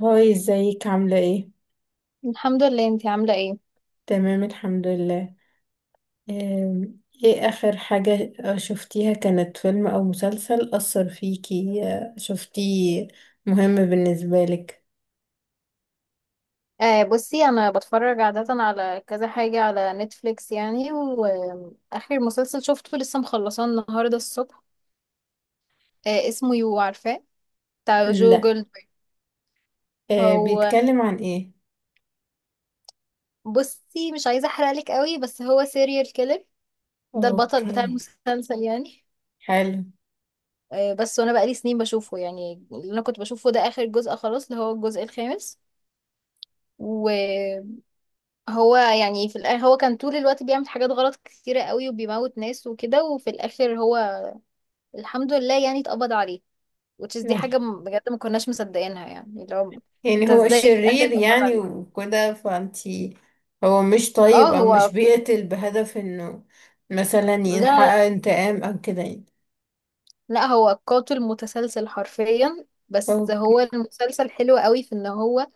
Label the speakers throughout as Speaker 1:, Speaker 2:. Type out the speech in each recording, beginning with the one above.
Speaker 1: هاي ازيك عاملة ايه؟
Speaker 2: الحمد لله، انتي عاملة ايه؟
Speaker 1: تمام الحمد لله. ايه اخر حاجة شفتيها كانت فيلم او مسلسل أثر فيكي شفتيه مهم بالنسبة لك؟
Speaker 2: بصي انا بتفرج عادة على كذا حاجة على نتفليكس، يعني واخر مسلسل شفته لسه مخلصاه النهاردة الصبح. اسمه يو، عارفاه؟ بتاع جو
Speaker 1: لا.
Speaker 2: جولدبرج. هو
Speaker 1: بيتكلم عن ايه؟
Speaker 2: بصي، مش عايزة احرقلك قوي، بس هو سيريال كيلر. ده البطل بتاع
Speaker 1: اوكي.
Speaker 2: المسلسل يعني.
Speaker 1: حلو.
Speaker 2: آه بس وانا بقالي سنين بشوفه، يعني اللي انا كنت بشوفه ده اخر جزء خلاص، اللي هو الجزء الخامس. هو يعني في الآخر، هو كان طول الوقت بيعمل حاجات غلط كتيرة قوي وبيموت ناس وكده، وفي الآخر الحمد لله يعني اتقبض عليه. Which is دي
Speaker 1: يلا.
Speaker 2: حاجة بجد ما كناش مصدقينها، يعني اللي هو
Speaker 1: يعني
Speaker 2: انت
Speaker 1: هو
Speaker 2: ازاي في الآخر
Speaker 1: شرير
Speaker 2: اتقبض
Speaker 1: يعني
Speaker 2: عليه.
Speaker 1: وكده فانتي هو مش
Speaker 2: اه،
Speaker 1: طيب او مش بيقتل بهدف انه مثلا
Speaker 2: لا،
Speaker 1: يحقق
Speaker 2: لا،
Speaker 1: انتقام او كده يعني.
Speaker 2: لا، هو قاتل متسلسل حرفيا، بس هو
Speaker 1: اوكي.
Speaker 2: المسلسل حلو قوي في ان هو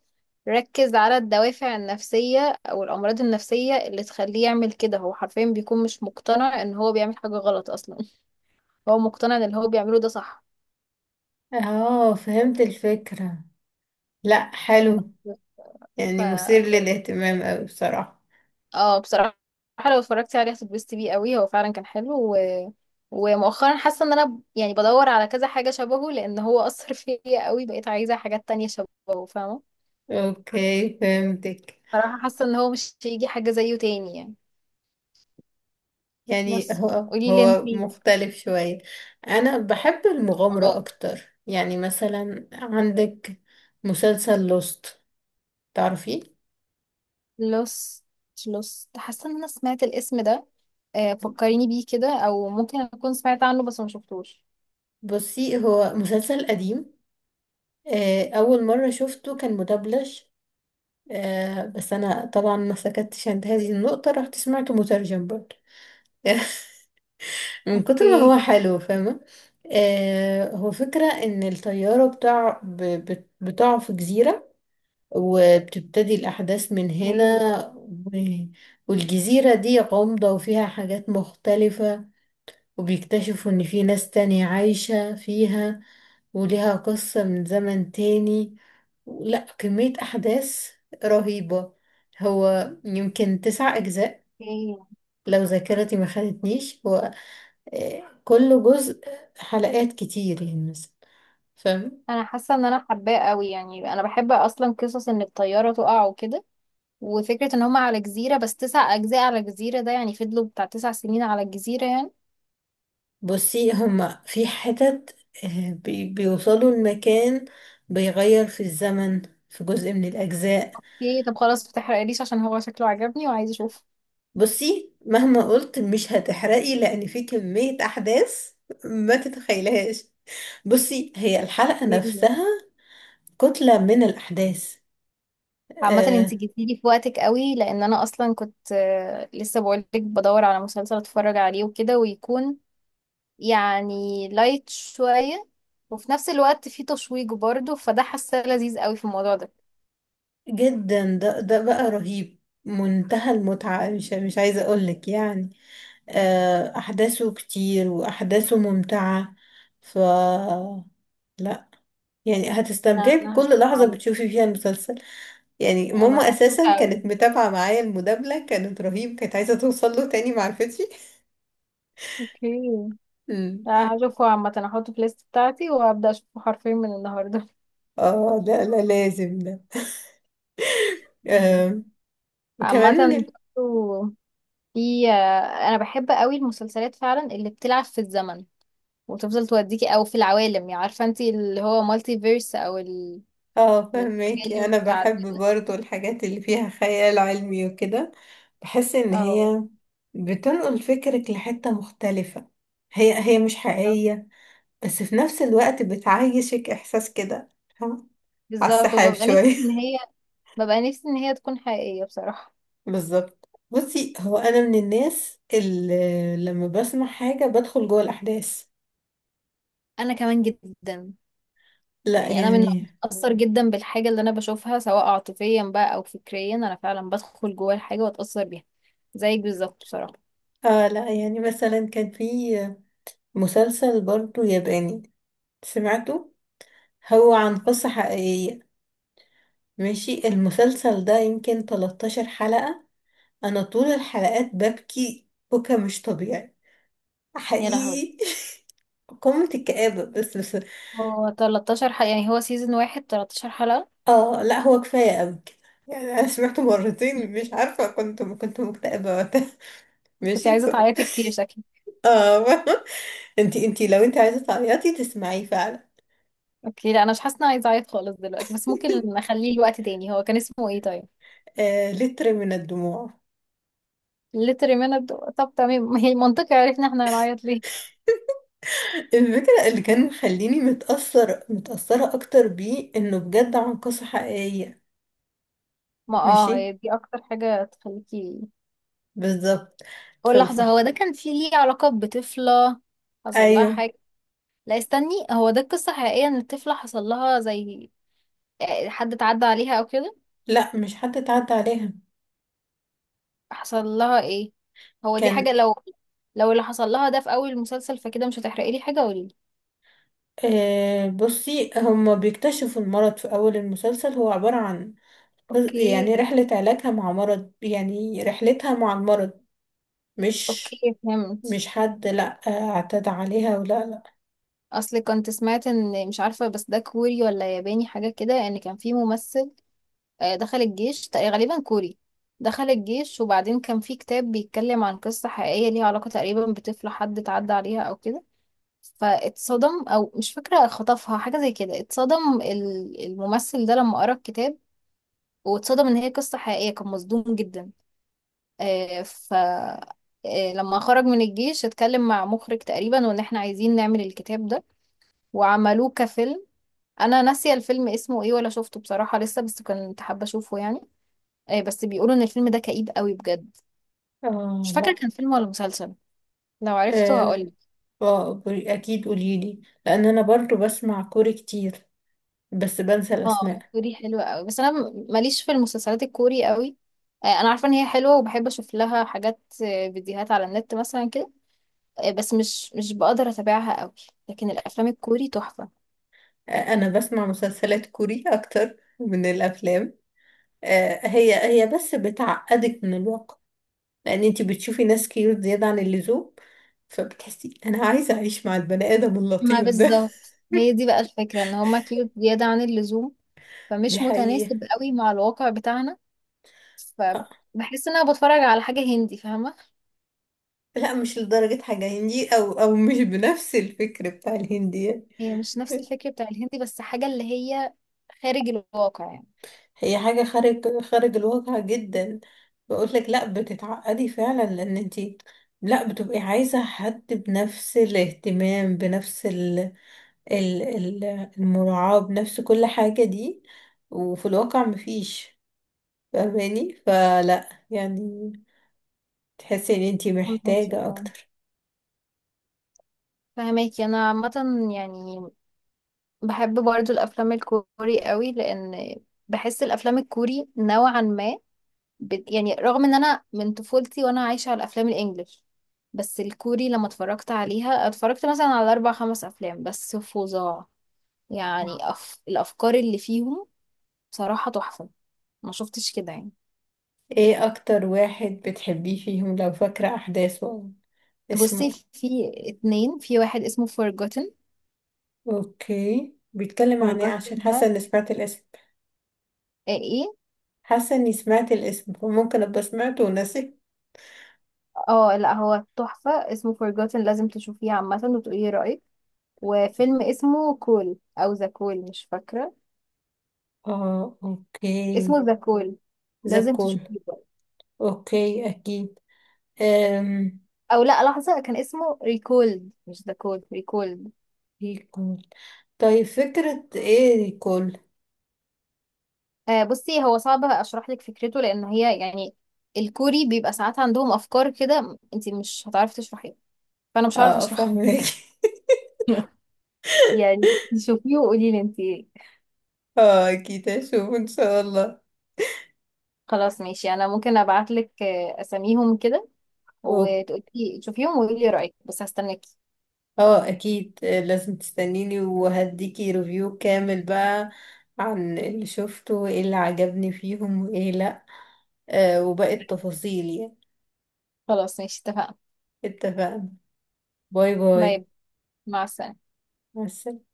Speaker 2: ركز على الدوافع النفسية او الأمراض النفسية اللي تخليه يعمل كده. هو حرفيا بيكون مش مقتنع ان هو بيعمل حاجة غلط اصلا. هو مقتنع ان اللي هو بيعمله ده صح.
Speaker 1: اه، فهمت الفكرة. لا، حلو.
Speaker 2: ف
Speaker 1: يعني مثير للاهتمام أوي بصراحة.
Speaker 2: اه بصراحة، لو اتفرجتي عليه هتتبسطي بيه قوي، هو فعلا كان حلو ومؤخرا حاسة ان انا يعني بدور على كذا حاجة شبهه، لان هو اثر فيا قوي، بقيت عايزة حاجات تانية شبهه، فاهمة؟
Speaker 1: اوكي، فهمتك.
Speaker 2: بصراحة حاسة ان هو مش هيجي حاجة زيه تاني يعني.
Speaker 1: يعني
Speaker 2: بس
Speaker 1: هو
Speaker 2: قولي لي
Speaker 1: هو
Speaker 2: انتي.
Speaker 1: مختلف شوية. انا بحب المغامرة
Speaker 2: اه،
Speaker 1: اكتر. يعني مثلا عندك مسلسل لوست، تعرفيه؟
Speaker 2: لوست. لوست، حاسة ان انا سمعت الاسم ده. فكريني بيه كده، او ممكن اكون سمعت عنه بس ما شفتوش.
Speaker 1: بصي هو مسلسل قديم. اول مرة شفته كان مدبلج. بس انا طبعا ما سكتش عند هذه النقطة، رحت سمعته مترجم برضه من كتر ما
Speaker 2: اوكي.
Speaker 1: هو حلو، فاهمة. آه، هو فكرة ان الطيارة بتاع بتقع في جزيرة، وبتبتدي الأحداث من
Speaker 2: اوكي.
Speaker 1: هنا. و- والجزيرة دي غامضة وفيها حاجات مختلفة، وبيكتشفوا ان في ناس تانية عايشة فيها، وليها قصة من زمن تاني. لا، كمية أحداث رهيبة. هو يمكن تسع أجزاء
Speaker 2: اوكي،
Speaker 1: لو ذاكرتي ما خانتنيش. هو كل جزء حلقات كتير يعني مثلا، فاهم.
Speaker 2: انا حاسه ان انا حباه قوي، يعني انا بحب اصلا قصص ان الطياره تقع وكده، وفكره ان هم على جزيره. بس تسع اجزاء على جزيره، ده يعني فضلوا بتاع 9 سنين على الجزيره يعني.
Speaker 1: بصي هما في حتت، بيوصلوا المكان، بيغير في الزمن في جزء من الأجزاء.
Speaker 2: ايه طب خلاص، متحرقليش عشان هو شكله عجبني وعايزه اشوف.
Speaker 1: بصي مهما قلت مش هتحرقي، لأن في كمية أحداث ما تتخيلهاش. بصي هي الحلقة نفسها كتلة من الأحداث.
Speaker 2: عامه
Speaker 1: آه
Speaker 2: انت جيتيلي في وقتك قوي، لان انا اصلا كنت لسه بقولك بدور على مسلسل اتفرج عليه وكده، ويكون يعني لايت شويه، وفي نفس الوقت فيه تشويق برضه، فده حاسه لذيذ قوي في الموضوع ده.
Speaker 1: جدا، ده بقى رهيب. منتهى المتعة، مش عايزة أقولك يعني. آه، أحداثه كتير وأحداثه ممتعة. ف لا يعني
Speaker 2: لا
Speaker 1: هتستمتعي
Speaker 2: انا
Speaker 1: بكل
Speaker 2: هشوف
Speaker 1: لحظة
Speaker 2: عمرو.
Speaker 1: بتشوفي فيها المسلسل. يعني
Speaker 2: انا
Speaker 1: ماما
Speaker 2: مبسوطه
Speaker 1: أساسا
Speaker 2: قوي.
Speaker 1: كانت متابعة معايا، المدابلة كانت رهيب، كانت عايزة توصل له تاني معرفتش.
Speaker 2: اوكي،
Speaker 1: مم.
Speaker 2: انا هشوفه عامة، هحطه في الليست بتاعتي وهبدأ اشوفه حرفيا من النهاردة.
Speaker 1: اه لا لا، لازم ده.
Speaker 2: مم.
Speaker 1: آه وكمان
Speaker 2: عامة
Speaker 1: من ال...
Speaker 2: برضه، في انا بحب قوي المسلسلات فعلا اللي بتلعب في الزمن، وتفضل توديكي او في العوالم، يعني عارفة انت اللي هو مالتي فيرس او
Speaker 1: اه،
Speaker 2: العوالم
Speaker 1: فهماكي، أنا بحب
Speaker 2: المتعددة.
Speaker 1: برضو الحاجات اللي فيها خيال علمي وكده. بحس إن
Speaker 2: اه
Speaker 1: هي بتنقل فكرك لحتة مختلفة. هي مش حقيقية، بس في نفس الوقت بتعيشك إحساس كده، فاهمة؟ على
Speaker 2: بالظبط،
Speaker 1: السحاب
Speaker 2: وببقى نفسي
Speaker 1: شوية.
Speaker 2: ان هي، ببقى نفسي ان هي تكون حقيقية بصراحة.
Speaker 1: بالظبط. بصي هو أنا من الناس اللي لما بسمع حاجة بدخل جوه الأحداث.
Speaker 2: انا كمان جدا،
Speaker 1: لا
Speaker 2: يعني انا
Speaker 1: يعني.
Speaker 2: اتاثر جدا بالحاجه اللي انا بشوفها، سواء عاطفيا بقى او فكريا، انا فعلا بدخل جوه الحاجه واتاثر بيها، زيك بالظبط بصراحه.
Speaker 1: آه لا، يعني مثلا كان في مسلسل برضو ياباني سمعته، هو عن قصة حقيقية. ماشي، المسلسل ده يمكن 13 حلقة، أنا طول الحلقات ببكي بكا مش طبيعي،
Speaker 2: يا لهوي،
Speaker 1: حقيقي. قمة الكآبة، بس.
Speaker 2: هو 13 حلقه؟ يعني هو سيزون واحد 13 حلقه؟
Speaker 1: اه لا، هو كفاية قوي كده. يعني انا سمعته مرتين، مش عارفة، كنت مكتئبة وقتها
Speaker 2: كنت
Speaker 1: ماشي
Speaker 2: عايزه
Speaker 1: ف...
Speaker 2: تعيطي كتير شكلي.
Speaker 1: اه. انتي لو انتي عايزة تعيطي تسمعيه فعلا.
Speaker 2: اوكي، لا انا مش حاسه إن انا عايزه اعيط خالص دلوقتي، بس ممكن نخليه لوقت تاني. هو كان اسمه ايه طيب؟
Speaker 1: آه، لتر من الدموع.
Speaker 2: ليتر ميند، طب تمام ما هي منطقي عرفنا احنا هنعيط ليه.
Speaker 1: الفكرة اللي كان مخليني متأثرة أكتر بيه إنه بجد عن قصة حقيقية.
Speaker 2: ما اه،
Speaker 1: ماشي،
Speaker 2: هي دي اكتر حاجه تخليكي.
Speaker 1: بالظبط. ف...
Speaker 2: قول
Speaker 1: ف...
Speaker 2: لحظه، هو ده كان فيه ليه علاقه بطفله؟ حصل لها
Speaker 1: أيوه.
Speaker 2: حاجه؟ لا استني، هو ده القصة حقيقية ان الطفلة حصل لها زي حد اتعدى عليها او كده؟
Speaker 1: لا، مش حد اتعدى عليها.
Speaker 2: حصل لها ايه؟ هو دي حاجة
Speaker 1: كان
Speaker 2: لو، لو اللي حصل لها ده في اول المسلسل فكده مش هتحرقي لي حاجة، قولي لي.
Speaker 1: آه، بصي هما بيكتشفوا المرض في أول المسلسل، هو عبارة عن
Speaker 2: اوكي.
Speaker 1: يعني رحلة علاجها مع مرض، يعني رحلتها مع المرض. مش
Speaker 2: اوكي فهمت.
Speaker 1: مش حد، لا آه، اعتدى عليها ولا لا.
Speaker 2: اصل كنت سمعت ان، مش عارفة بس ده كوري ولا ياباني حاجة كده، ان كان في ممثل دخل الجيش، غالبا كوري. دخل الجيش وبعدين كان في كتاب بيتكلم عن قصة حقيقية ليها علاقة تقريبا بطفلة حد اتعدى عليها او كده، فاتصدم، او مش فاكره خطفها حاجه زي كده، اتصدم الممثل ده لما قرا الكتاب، واتصدم ان هي قصه حقيقيه، كان مصدوم جدا. ف لما خرج من الجيش اتكلم مع مخرج تقريبا وان احنا عايزين نعمل الكتاب ده، وعملوه كفيلم. انا ناسيه الفيلم اسمه ايه، ولا شفته بصراحه لسه، بس كنت حابه اشوفه يعني. بس بيقولوا ان الفيلم ده كئيب قوي بجد. مش
Speaker 1: اه
Speaker 2: فاكره
Speaker 1: لا.
Speaker 2: كان فيلم ولا مسلسل، لو عرفته
Speaker 1: آه.
Speaker 2: هقولك.
Speaker 1: آه، اكيد قوليلي، لان انا برضو بسمع كوري كتير بس بنسى
Speaker 2: اه
Speaker 1: الاسماء.
Speaker 2: الكوري حلوة قوي، بس انا ماليش في المسلسلات الكوري قوي. انا عارفه ان هي حلوه وبحب اشوف لها حاجات، فيديوهات على النت مثلا كده، بس مش بقدر اتابعها قوي. لكن الافلام الكوري تحفه.
Speaker 1: آه، انا بسمع مسلسلات كوري اكتر من الافلام. آه، هي بس بتعقدك من الواقع، لان انتي بتشوفي ناس كيوت زيادة عن اللزوم، فبتحسي انا عايزة اعيش مع البني ادم
Speaker 2: ما
Speaker 1: اللطيف ده.
Speaker 2: بالظبط، هي دي بقى الفكره ان هما كيوت زياده عن اللزوم،
Speaker 1: دي
Speaker 2: فمش
Speaker 1: حقيقة.
Speaker 2: متناسب قوي مع الواقع بتاعنا، فبحس ان انا بتفرج على حاجه هندي، فاهمه؟
Speaker 1: لا، مش لدرجة حاجة هندي، أو مش بنفس الفكر بتاع الهندي يعني.
Speaker 2: هي مش نفس الفكره بتاع الهندي، بس حاجه اللي هي خارج الواقع يعني.
Speaker 1: هي حاجة خارج الواقع جدا. بقول لك، لا بتتعقدي فعلا، لأن انتي لا، بتبقي عايزة حد بنفس الاهتمام، بنفس ال المراعاة، بنفس كل حاجة دي، وفي الواقع مفيش، فاهماني؟ فلا يعني تحسي ان انتي
Speaker 2: فهماكي
Speaker 1: محتاجة
Speaker 2: اه
Speaker 1: أكتر.
Speaker 2: فهماكي انا عامه، يعني بحب برضو الافلام الكوري قوي، لان بحس الافلام الكوري نوعا ما يعني رغم ان انا من طفولتي وانا عايشه على الافلام الانجليش، بس الكوري لما اتفرجت عليها، اتفرجت مثلا على اربع خمس افلام بس فظاع يعني، الافكار اللي فيهم بصراحه تحفه، ما شفتش كده يعني.
Speaker 1: ايه أكتر واحد بتحبيه فيهم لو فاكرة أحداثه، اسمه؟
Speaker 2: بصي في اتنين، في واحد اسمه Forgotten.
Speaker 1: اوكي، بيتكلم عن ايه؟
Speaker 2: Forgotten
Speaker 1: عشان
Speaker 2: ده،
Speaker 1: حاسه اني سمعت الاسم.
Speaker 2: ايه.
Speaker 1: حاسه اني سمعت الاسم، فممكن ابقى سمعته وناسي.
Speaker 2: اه لا هو تحفه اسمه Forgotten، لازم تشوفيه عامه وتقولي رايك. وفيلم اسمه كول او ذا كول، مش فاكره
Speaker 1: اه اوكي.
Speaker 2: اسمه، ذا كول، لازم
Speaker 1: زكول.
Speaker 2: تشوفيه بقى.
Speaker 1: اوكي اكيد. أم.
Speaker 2: او لا لحظه، كان اسمه ريكولد مش ذا كول، ريكولد.
Speaker 1: ريكول. طيب فكرة ايه ريكول؟
Speaker 2: بصي هو صعب اشرح لك فكرته، لان هي يعني، الكوري بيبقى ساعات عندهم افكار كده انت مش هتعرفي تشرحيها، فانا مش هعرف
Speaker 1: اه،
Speaker 2: اشرحها
Speaker 1: فاهمك.
Speaker 2: يعني شوفيه وقولي لي انت.
Speaker 1: اه اكيد هشوف ان شاء الله.
Speaker 2: خلاص ماشي، انا ممكن ابعت لك اساميهم كده،
Speaker 1: أوك-
Speaker 2: وتقولي شوفيهم وقولي لي رايك، بس هستناكي.
Speaker 1: اه اكيد، لازم تستنيني وهديكي ريفيو كامل بقى عن اللي شفته، وايه اللي عجبني فيهم وايه لا، آه وباقي التفاصيل يعني.
Speaker 2: خلاص ماشي اتفقنا.
Speaker 1: اتفقنا. باي باي.
Speaker 2: باي. مع السلامه.
Speaker 1: مع السلامة.